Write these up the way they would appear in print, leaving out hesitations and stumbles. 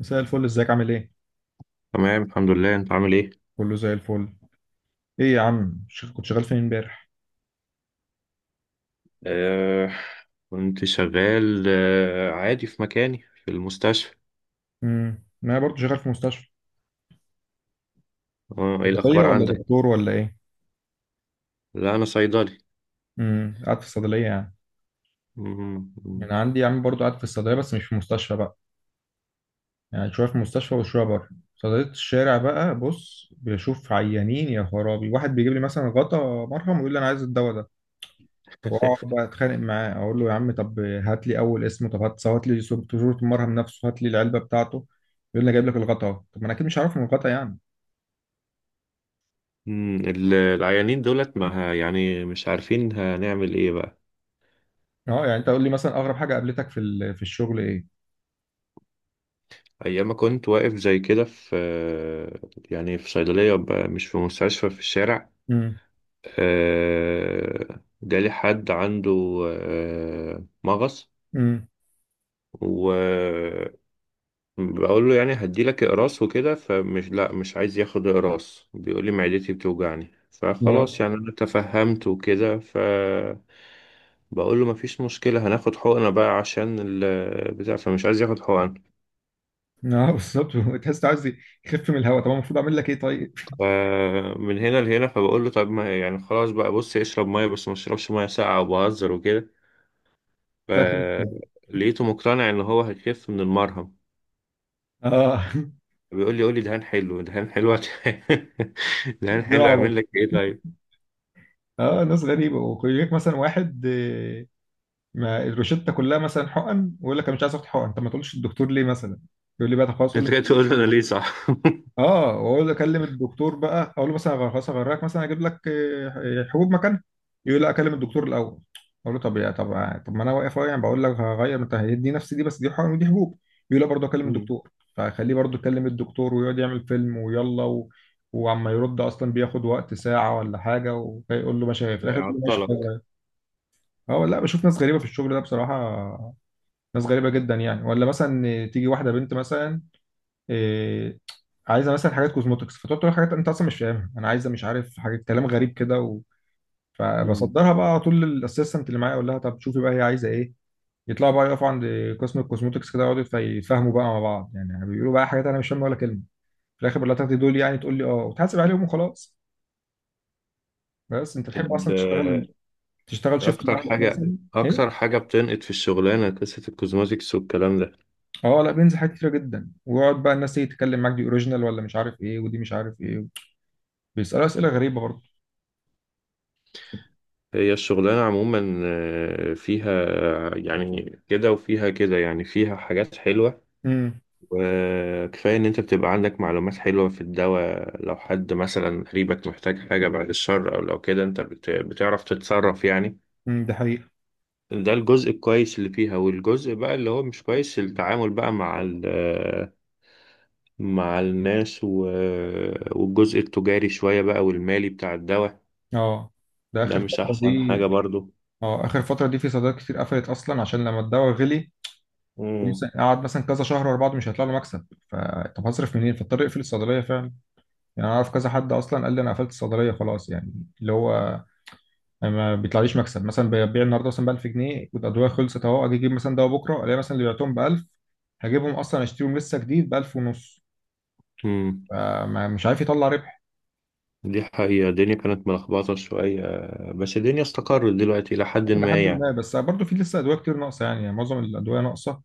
مساء الفل، ازيك؟ عامل ايه؟ تمام، الحمد لله. انت عامل ايه؟ كله زي الفل. ايه يا عم، كنت شغال فين امبارح؟ آه. كنت شغال عادي في مكاني، في المستشفى. ما انا برضه شغال في مستشفى. آه، ايه صيدلية الاخبار ولا عندك؟ دكتور ولا ايه؟ لا، انا صيدلي. قاعد في الصيدلية يعني. مم. مم. انا عندي يا عم برضه قاعد في الصيدلية بس مش في مستشفى بقى. يعني شوية في مستشفى وشوية بره. صيدلية الشارع بقى، بص بشوف عيانين. يا خرابي، واحد بيجيب لي مثلا غطا مرهم ويقول لي انا عايز الدواء ده. واقعد بقى اتخانق معاه، اقول له يا عم طب هات لي اول اسمه، طب هات لي صورة المرهم نفسه، هات لي العلبة بتاعته. يقول لي أنا جايب لك الغطا. طب ما انا اكيد مش عارف من الغطا يعني. العيانين دولت ما ه- يعني مش عارفين هنعمل ايه بقى. اه يعني انت قول لي مثلا اغرب حاجه قابلتك في الشغل ايه؟ ايام ما كنت واقف زي كده، في آه، يعني في صيدلية بقى، مش في مستشفى، في الشارع. امم. جالي حد عنده مغص. امم. بقول له يعني هدي لك اقراص وكده، فمش، لا، مش عايز ياخد اقراص. بيقول لي معدتي بتوجعني. فخلاص، اه. يعني انا تفهمت وكده. ف بقول له مفيش مشكلة، هناخد حقنة بقى عشان البتاع. فمش عايز ياخد حقن. اه بالظبط. تحس عايز يخف من الهواء. طب أنا المفروض اعمل لك ايه طيب؟ فمن هنا لهنا، فبقول له طب ما يعني خلاص بقى، بص اشرب مية، بس ما اشربش مية ساقعة، وبهزر وكده. لا خلاص. فلقيته مقتنع ان هو هيخف من المرهم. اه. بيقول لي قول لي دهان حلو، دهان حلو دهان اتنين حلو على بعض. اعمل لك ايه طيب؟ اه ناس غريبه، ويجيك مثلا واحد ما الروشته كلها مثلا حقن ويقول لك انا مش عايز اخد حقن. طب ما تقولش الدكتور ليه مثلا؟ يقول لي بقى طب خلاص قول. انت جاي تقول لي انا ليه؟ صح. اه، واقول له اكلم الدكتور بقى، اقول له مثلا خلاص هغرقك مثلا، اجيب لك حبوب مكانها. يقول لا، اكلم الدكتور الاول. اقول له طب يا طب، طب ما انا واقف اهو يعني، بقول لك هغير انت، هيدي نفس دي بس دي حقن ودي حبوب. يقول لا برضه اكلم مم. الدكتور، فخليه برضه يكلم الدكتور ويقعد يعمل فيلم ويلا و... وعما يرد اصلا، بياخد وقت ساعه ولا حاجه، ويقول له ماشي، في الاخر يقول له ماشي خلاص يعطلك. غير. اه لا، بشوف ناس غريبه في الشغل ده بصراحه. ناس غريبه جدا يعني. ولا مثلا تيجي واحده بنت مثلا، إيه، عايزه مثلا حاجات كوزموتكس، فتقعد تقول حاجات انت اصلا مش فاهمها. انا عايزه مش عارف حاجه، كلام غريب كده مم. فبصدرها بقى على طول للاسيستنت اللي معايا، اقول لها طب شوفي بقى هي عايزه ايه. يطلعوا بقى يقفوا عند قسم الكوزموتكس كده، يقعدوا يتفاهموا بقى مع بعض يعني، بيقولوا بقى حاجات انا مش فاهمها ولا كلمه. في الاخر بقول لها تاخدي دول يعني، تقول لي اه وتحاسب عليهم وخلاص. بس انت تحب اصلا تشتغل، ال- تشتغل شيفت اكتر معين حاجه مثلا؟ ايه. اكتر حاجه بتنقد في الشغلانه قصه الكوزماتكس والكلام ده. اه لا، بينزل حاجات كتيره جدا، ويقعد بقى الناس تيجي تتكلم معاك، دي اوريجينال ولا مش عارف ايه، ودي مش عارف ايه. بيسالوا اسئله غريبه برضه. هي الشغلانه عموما فيها يعني كده وفيها كده، يعني فيها حاجات حلوه. امم. وكفايه ان انت بتبقى عندك معلومات حلوه في الدواء، لو حد مثلا قريبك محتاج حاجه، بعد الشر، او لو كده انت بتعرف تتصرف يعني. ده حقيقي. ده الجزء الكويس اللي فيها، والجزء بقى اللي هو مش كويس، التعامل بقى مع مع الناس والجزء التجاري شوية بقى، والمالي بتاع الدواء. اه. ده ده اخر مش فتره أحسن حاجة دي. برضو. اه، اخر فتره دي في صيدليات كتير قفلت اصلا، عشان لما الدواء غلي مم. مثلا، قعد مثلا كذا شهر ورا بعض مش هيطلع له مكسب، فطب هصرف منين؟ فاضطر اقفل الصيدليه فعلا. يعني انا اعرف كذا حد اصلا قال لي انا قفلت الصيدليه خلاص يعني. اللي هو، أنا ما بيطلعليش مكسب، مثلا ببيع النهارده مثلا ب 1000 جنيه والادويه خلصت اهو، اجيب مثلا دواء بكره الاقي مثلا اللي بعتهم ب 1000، هجيبهم اصلا اشتريهم لسه جديد ب 1000 ونص. مم. فمش عارف يطلع ربح. دي حقيقة، الدنيا كانت ملخبطة شوية، بس الدنيا استقرت دلوقتي إلى حد الى ما حد يعني. ما، بس برضه في لسه ادويه كتير ناقصه يعني، يعني معظم الادويه ناقصه.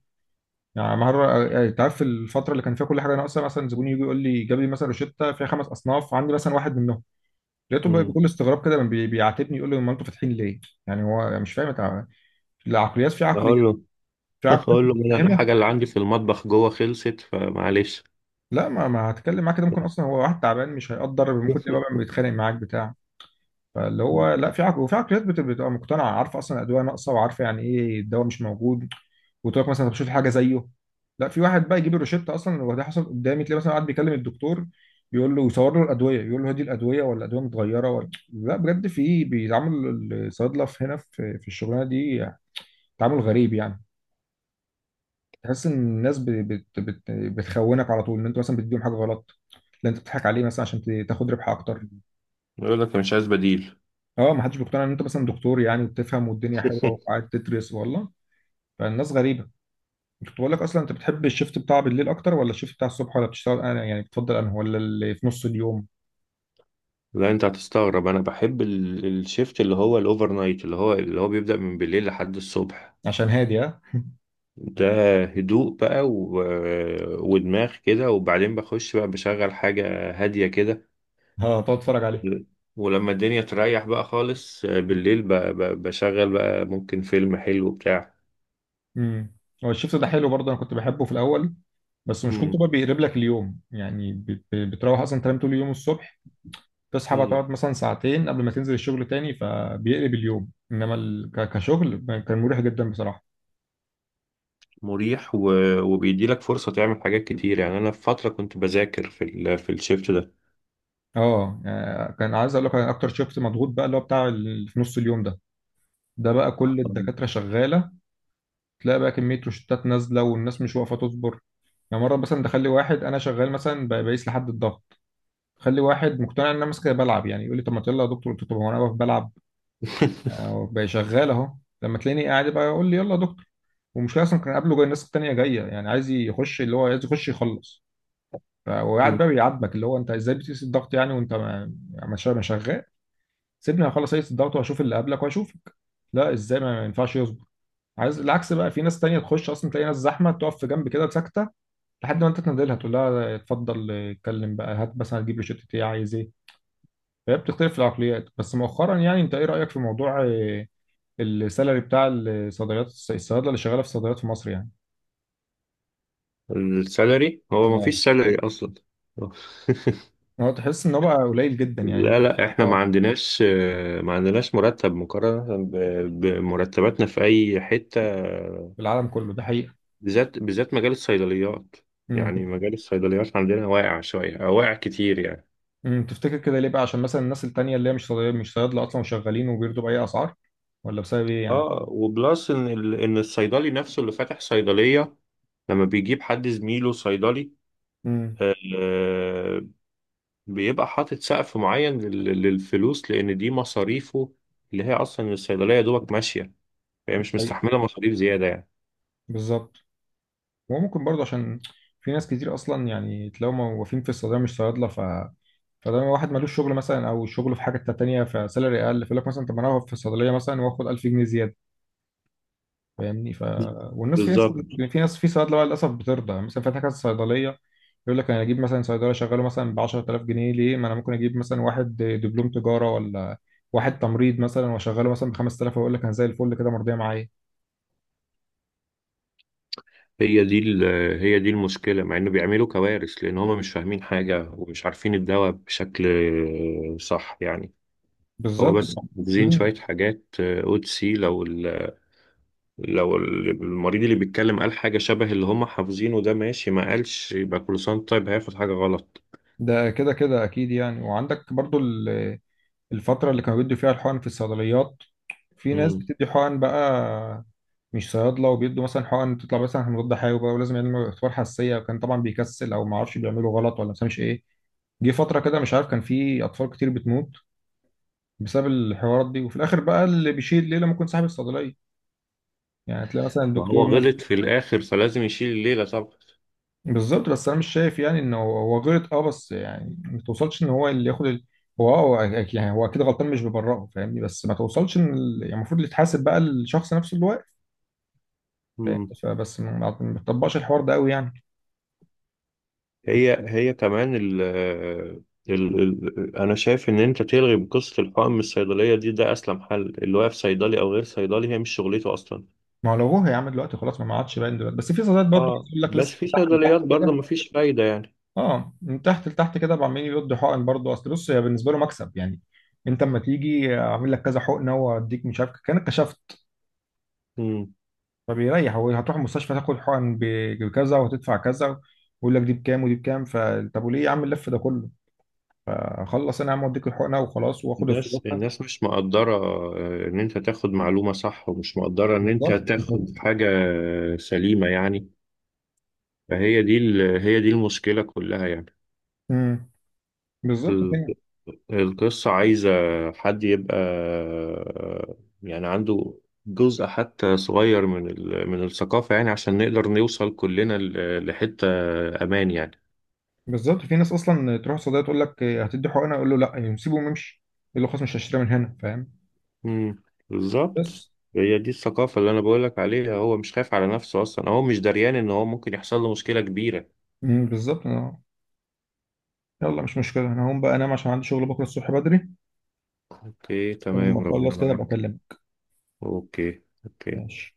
يعني مرة، يعني انت عارف الفترة اللي كان فيها كل حاجة ناقصة، مثلا زبون يجي يقول لي جاب لي مثلا روشتة فيها خمس أصناف، عندي مثلا واحد منهم. لقيته بقى مم. بكل استغراب كده بيعاتبني، يقول لي هم انتوا فاتحين ليه؟ يعني هو مش فاهم انت. العقليات، في عقليات، أقول له في عقليات أقول له مش أنا فاهمها. الحاجة اللي عندي في المطبخ جوه خلصت، فمعلش. لا، ما هتكلم معاك كده، ممكن أصلا هو واحد تعبان مش هيقدر، ممكن تبقى بقى بيتخانق معاك بتاع. فاللي هو مم. لا، في عقل وفي عقليات بتبقى مقتنعة، عارفة أصلا الأدوية ناقصة، وعارفة يعني إيه الدواء مش موجود، وتروح مثلا طب شوف حاجه زيه. لا في واحد بقى يجيب الروشته اصلا، وده حصل قدامي، تلاقي مثلا قاعد بيكلم الدكتور، بيقول له يصور له الادويه، يقول له هدي الادويه ولا الادويه متغيره ولا لا. بجد في بيتعامل الصيدله في هنا في الشغلانه دي تعامل غريب يعني. تحس ان الناس بت بت بت بتخونك على طول، ان انت مثلا بتديهم حاجه غلط، لا انت بتضحك عليه مثلا عشان تاخد ربح اكتر. يقول لك مش عايز بديل. اه، ما حدش بيقتنع ان انت مثلا دكتور يعني وبتفهم والدنيا حلوه وقاعد تدرس، والله. فالناس غريبه. كنت بقول لك اصلا، انت بتحب الشيفت بتاع بالليل اكتر ولا الشيفت بتاع الصبح، ولا بتشتغل انا يعني بتفضل انهي، ولا اللي في نص اليوم؟ لا، انت هتستغرب، انا بحب الشيفت اللي هو الاوفر نايت، اللي هو بيبدأ من بالليل لحد الصبح. عشان هادي ها. ده هدوء بقى، ودماغ كده، وبعدين بخش بقى بشغل حاجة هادية كده. ها تقعد تتفرج عليه. ولما الدنيا تريح بقى خالص، بالليل بشغل بقى ممكن فيلم حلو بتاع. امم. هو الشيفت ده حلو برضه، انا كنت بحبه في الاول. بس مشكلته بقى مم. بيقلب لك اليوم يعني، بتروح اصلا تنام طول اليوم الصبح، تصحى بقى مم. تقعد مثلا ساعتين قبل ما تنزل الشغل تاني، فبيقلب اليوم. انما كشغل كان مريح جدا بصراحه. مريح، وبيديلك فرصة تعمل حاجات كتير. يعني انا في فترة كنت بذاكر في الشيفت ده. اه يعني كان عايز اقول لك، أنا اكتر شيفت مضغوط بقى اللي هو بتاع في نص اليوم ده. ده بقى كل الدكاتره شغاله، تلاقي بقى كمية روشتات نازلة، والناس مش واقفة تصبر يعني. مرة مثلا تخلي واحد، أنا شغال مثلا بقيس لحد الضغط، خلي واحد مقتنع إن أنا ماسك بلعب يعني، يقول لي طب ما يلا يا دكتور. قلت له طب هو أنا واقف بلعب؟ أهو بقى شغال أهو. لما تلاقيني قاعد بقى يقول لي يلا يا دكتور. ومشكلة أصلا كان قبله جاي، الناس التانية جاية يعني، عايز يخش، اللي هو عايز يخش يخلص. وقاعد مم. بقى بيعاتبك اللي هو أنت إزاي بتقيس الضغط يعني وأنت ما شغال. سيبني أخلص أقيس الضغط وأشوف اللي قبلك وأشوفك. لا إزاي، ما ينفعش يصبر. عايز العكس بقى، في ناس تانية تخش أصلا تلاقي ناس زحمة، تقف في جنب كده ساكتة لحد ما انت تنادلها تقول لها اتفضل اتكلم بقى، هات مثلا، هتجيب له شطة، ايه عايز ايه. فهي بتختلف العقليات. بس مؤخرا يعني، انت ايه رأيك في موضوع السالري بتاع الصيدليات، الصيادله اللي شغاله في الصيدليات في مصر يعني؟ السالري، هو ما اه. فيش سالري اصلا. هو تحس ان هو بقى قليل جدا لا، يعني؟ لا، احنا آه. ما عندناش مرتب مقارنة بمرتباتنا في اي حتة، في العالم كله، ده حقيقة. بالذات بالذات مجال الصيدليات. يعني امم. مجال الصيدليات عندنا واقع شوية أو واقع كتير يعني. امم، تفتكر كده ليه بقى؟ عشان مثلا الناس التانية اللي هي مش صيدلية، مش صيادلة اصلا وشغالين وبيرضوا بأي اسعار، ولا بسبب ايه يعني؟ اه، وبلس ان ان الصيدلي نفسه اللي فاتح صيدلية، لما بيجيب حد زميله صيدلي، امم آه، بيبقى حاطط سقف معين للفلوس، لان دي مصاريفه اللي هي اصلا الصيدليه يا دوبك ماشيه، فهي مش مستحمله مصاريف زياده يعني. بالظبط. وممكن برضه عشان في ناس كتير اصلا يعني تلاقيهم موظفين في الصيدليه مش صيادله، فده واحد ملوش شغل مثلا او شغله في حاجه تانيه فسالري اقل، فيقول لك مثلا طب ما انا أقف في الصيدليه مثلا واخد 1000 جنيه زياده، فاهمني؟ والناس، في ناس، بالظبط. يعني في ناس، في صيادله بقى للاسف بترضى يعني، مثلا فاتح كذا صيدليه يقول لك انا اجيب مثلا صيدلي اشغله مثلا ب 10000 جنيه ليه؟ ما انا ممكن اجيب مثلا واحد دبلوم تجاره ولا واحد تمريض مثلا واشغله مثلا ب 5000 ويقول لك انا زي الفل كده مرضيه معايا. هي دي ال- هي دي المشكله، مع انه بيعملوا كوارث لان هم مش فاهمين حاجه ومش عارفين الدواء بشكل صح يعني. هو بالظبط. بس حافظين شويه مم. حاجات، OTC، المريض اللي بيتكلم قال حاجه شبه اللي هم حافظينه، ده ماشي. ما قالش، يبقى كل سنه طيب هياخد حاجه غلط. ده كده كده اكيد يعني. وعندك برضو الفتره اللي كانوا بيدوا فيها الحقن في الصيدليات، في ناس مم. بتدي حقن بقى مش صيادله، وبيدوا مثلا حقن تطلع مثلا مضاد حيوي بقى، ولازم يعملوا اختبار حساسيه وكان طبعا بيكسل او ما اعرفش، بيعملوا غلط ولا مش ايه. جه فتره كده مش عارف، كان في اطفال كتير بتموت بسبب الحوارات دي، وفي الاخر بقى اللي بيشيل الليله ممكن صاحب الصيدليه، يعني تلاقي مثلا ما هو الدكتور. غلط في الآخر، فلازم يشيل الليلة طبعا. بالظبط. بس انا مش شايف يعني انه هو غلط، اه بس يعني ما توصلش ان هو اللي ياخد هو اه، هو يعني هو اكيد غلطان، مش ببرئه فاهمني، بس ما توصلش ان يعني المفروض اللي يتحاسب بقى الشخص نفسه اللي واقف، فاهم؟ مم. بس ما بتطبقش الحوار ده قوي يعني. هي كمان ال ال ال أنا شايف إن أنت تلغي قصة الحقن من الصيدلية دي، ده أسلم حل. اللي واقف صيدلي أو غير صيدلي، هي مش شغلته أصلا. ما هو لو هو يا عم دلوقتي خلاص ما عادش باين دلوقتي، بس في صيدليات برضه عايز آه، اقول لك بس لسه في من تحت لتحت صيدليات برضه كده. مفيش فايدة يعني. اه، من تحت لتحت كده بقى عمالين يردوا حقن برضه. اصل بص، هي بالنسبه له مكسب يعني. انت اما تيجي اعمل لك كذا حقنه واديك مش عارف كانك كشفت، مم. فبيريح. وهتروح المستشفى تاخد حقن بكذا وهتدفع كذا، ويقول لك دي بكام ودي بكام طب وليه يا عم اللف ده كله؟ اخلص انا يا عم واديك الحقنه وخلاص، واخد الناس الفلوس. الناس مش مقدرة، إن أنت تاخد معلومة صح، ومش مقدرة إن أنت بالظبط. تاخد حاجة سليمة يعني. فهي دي هي دي المشكلة كلها. امم بالظبط. يعني القصة عايزة حد يبقى يعني عنده جزء حتى صغير من من الثقافة، يعني عشان نقدر نوصل كلنا لحتة أمان يعني. بالظبط، في ناس اصلا تروح الصيدليه تقول لك إيه، هتدي حقنه؟ يقول له لا يعني، سيبه ويمشي، يقول له خلاص مش هشتريها من هنا، فاهم؟ امم بالظبط، بس. هي دي الثقافة اللي أنا بقولك عليها. هو مش خايف على نفسه أصلا، هو مش دريان إن هو ممكن يحصل له مشكلة كبيرة. بالظبط. يلا مش مشكله، انا هقوم بقى انام عشان عندي شغل بكره الصبح بدري. أوكي، ولما تمام، ربنا اخلص كده ابقى معاك. اكلمك. أوكي، أوكي. ماشي.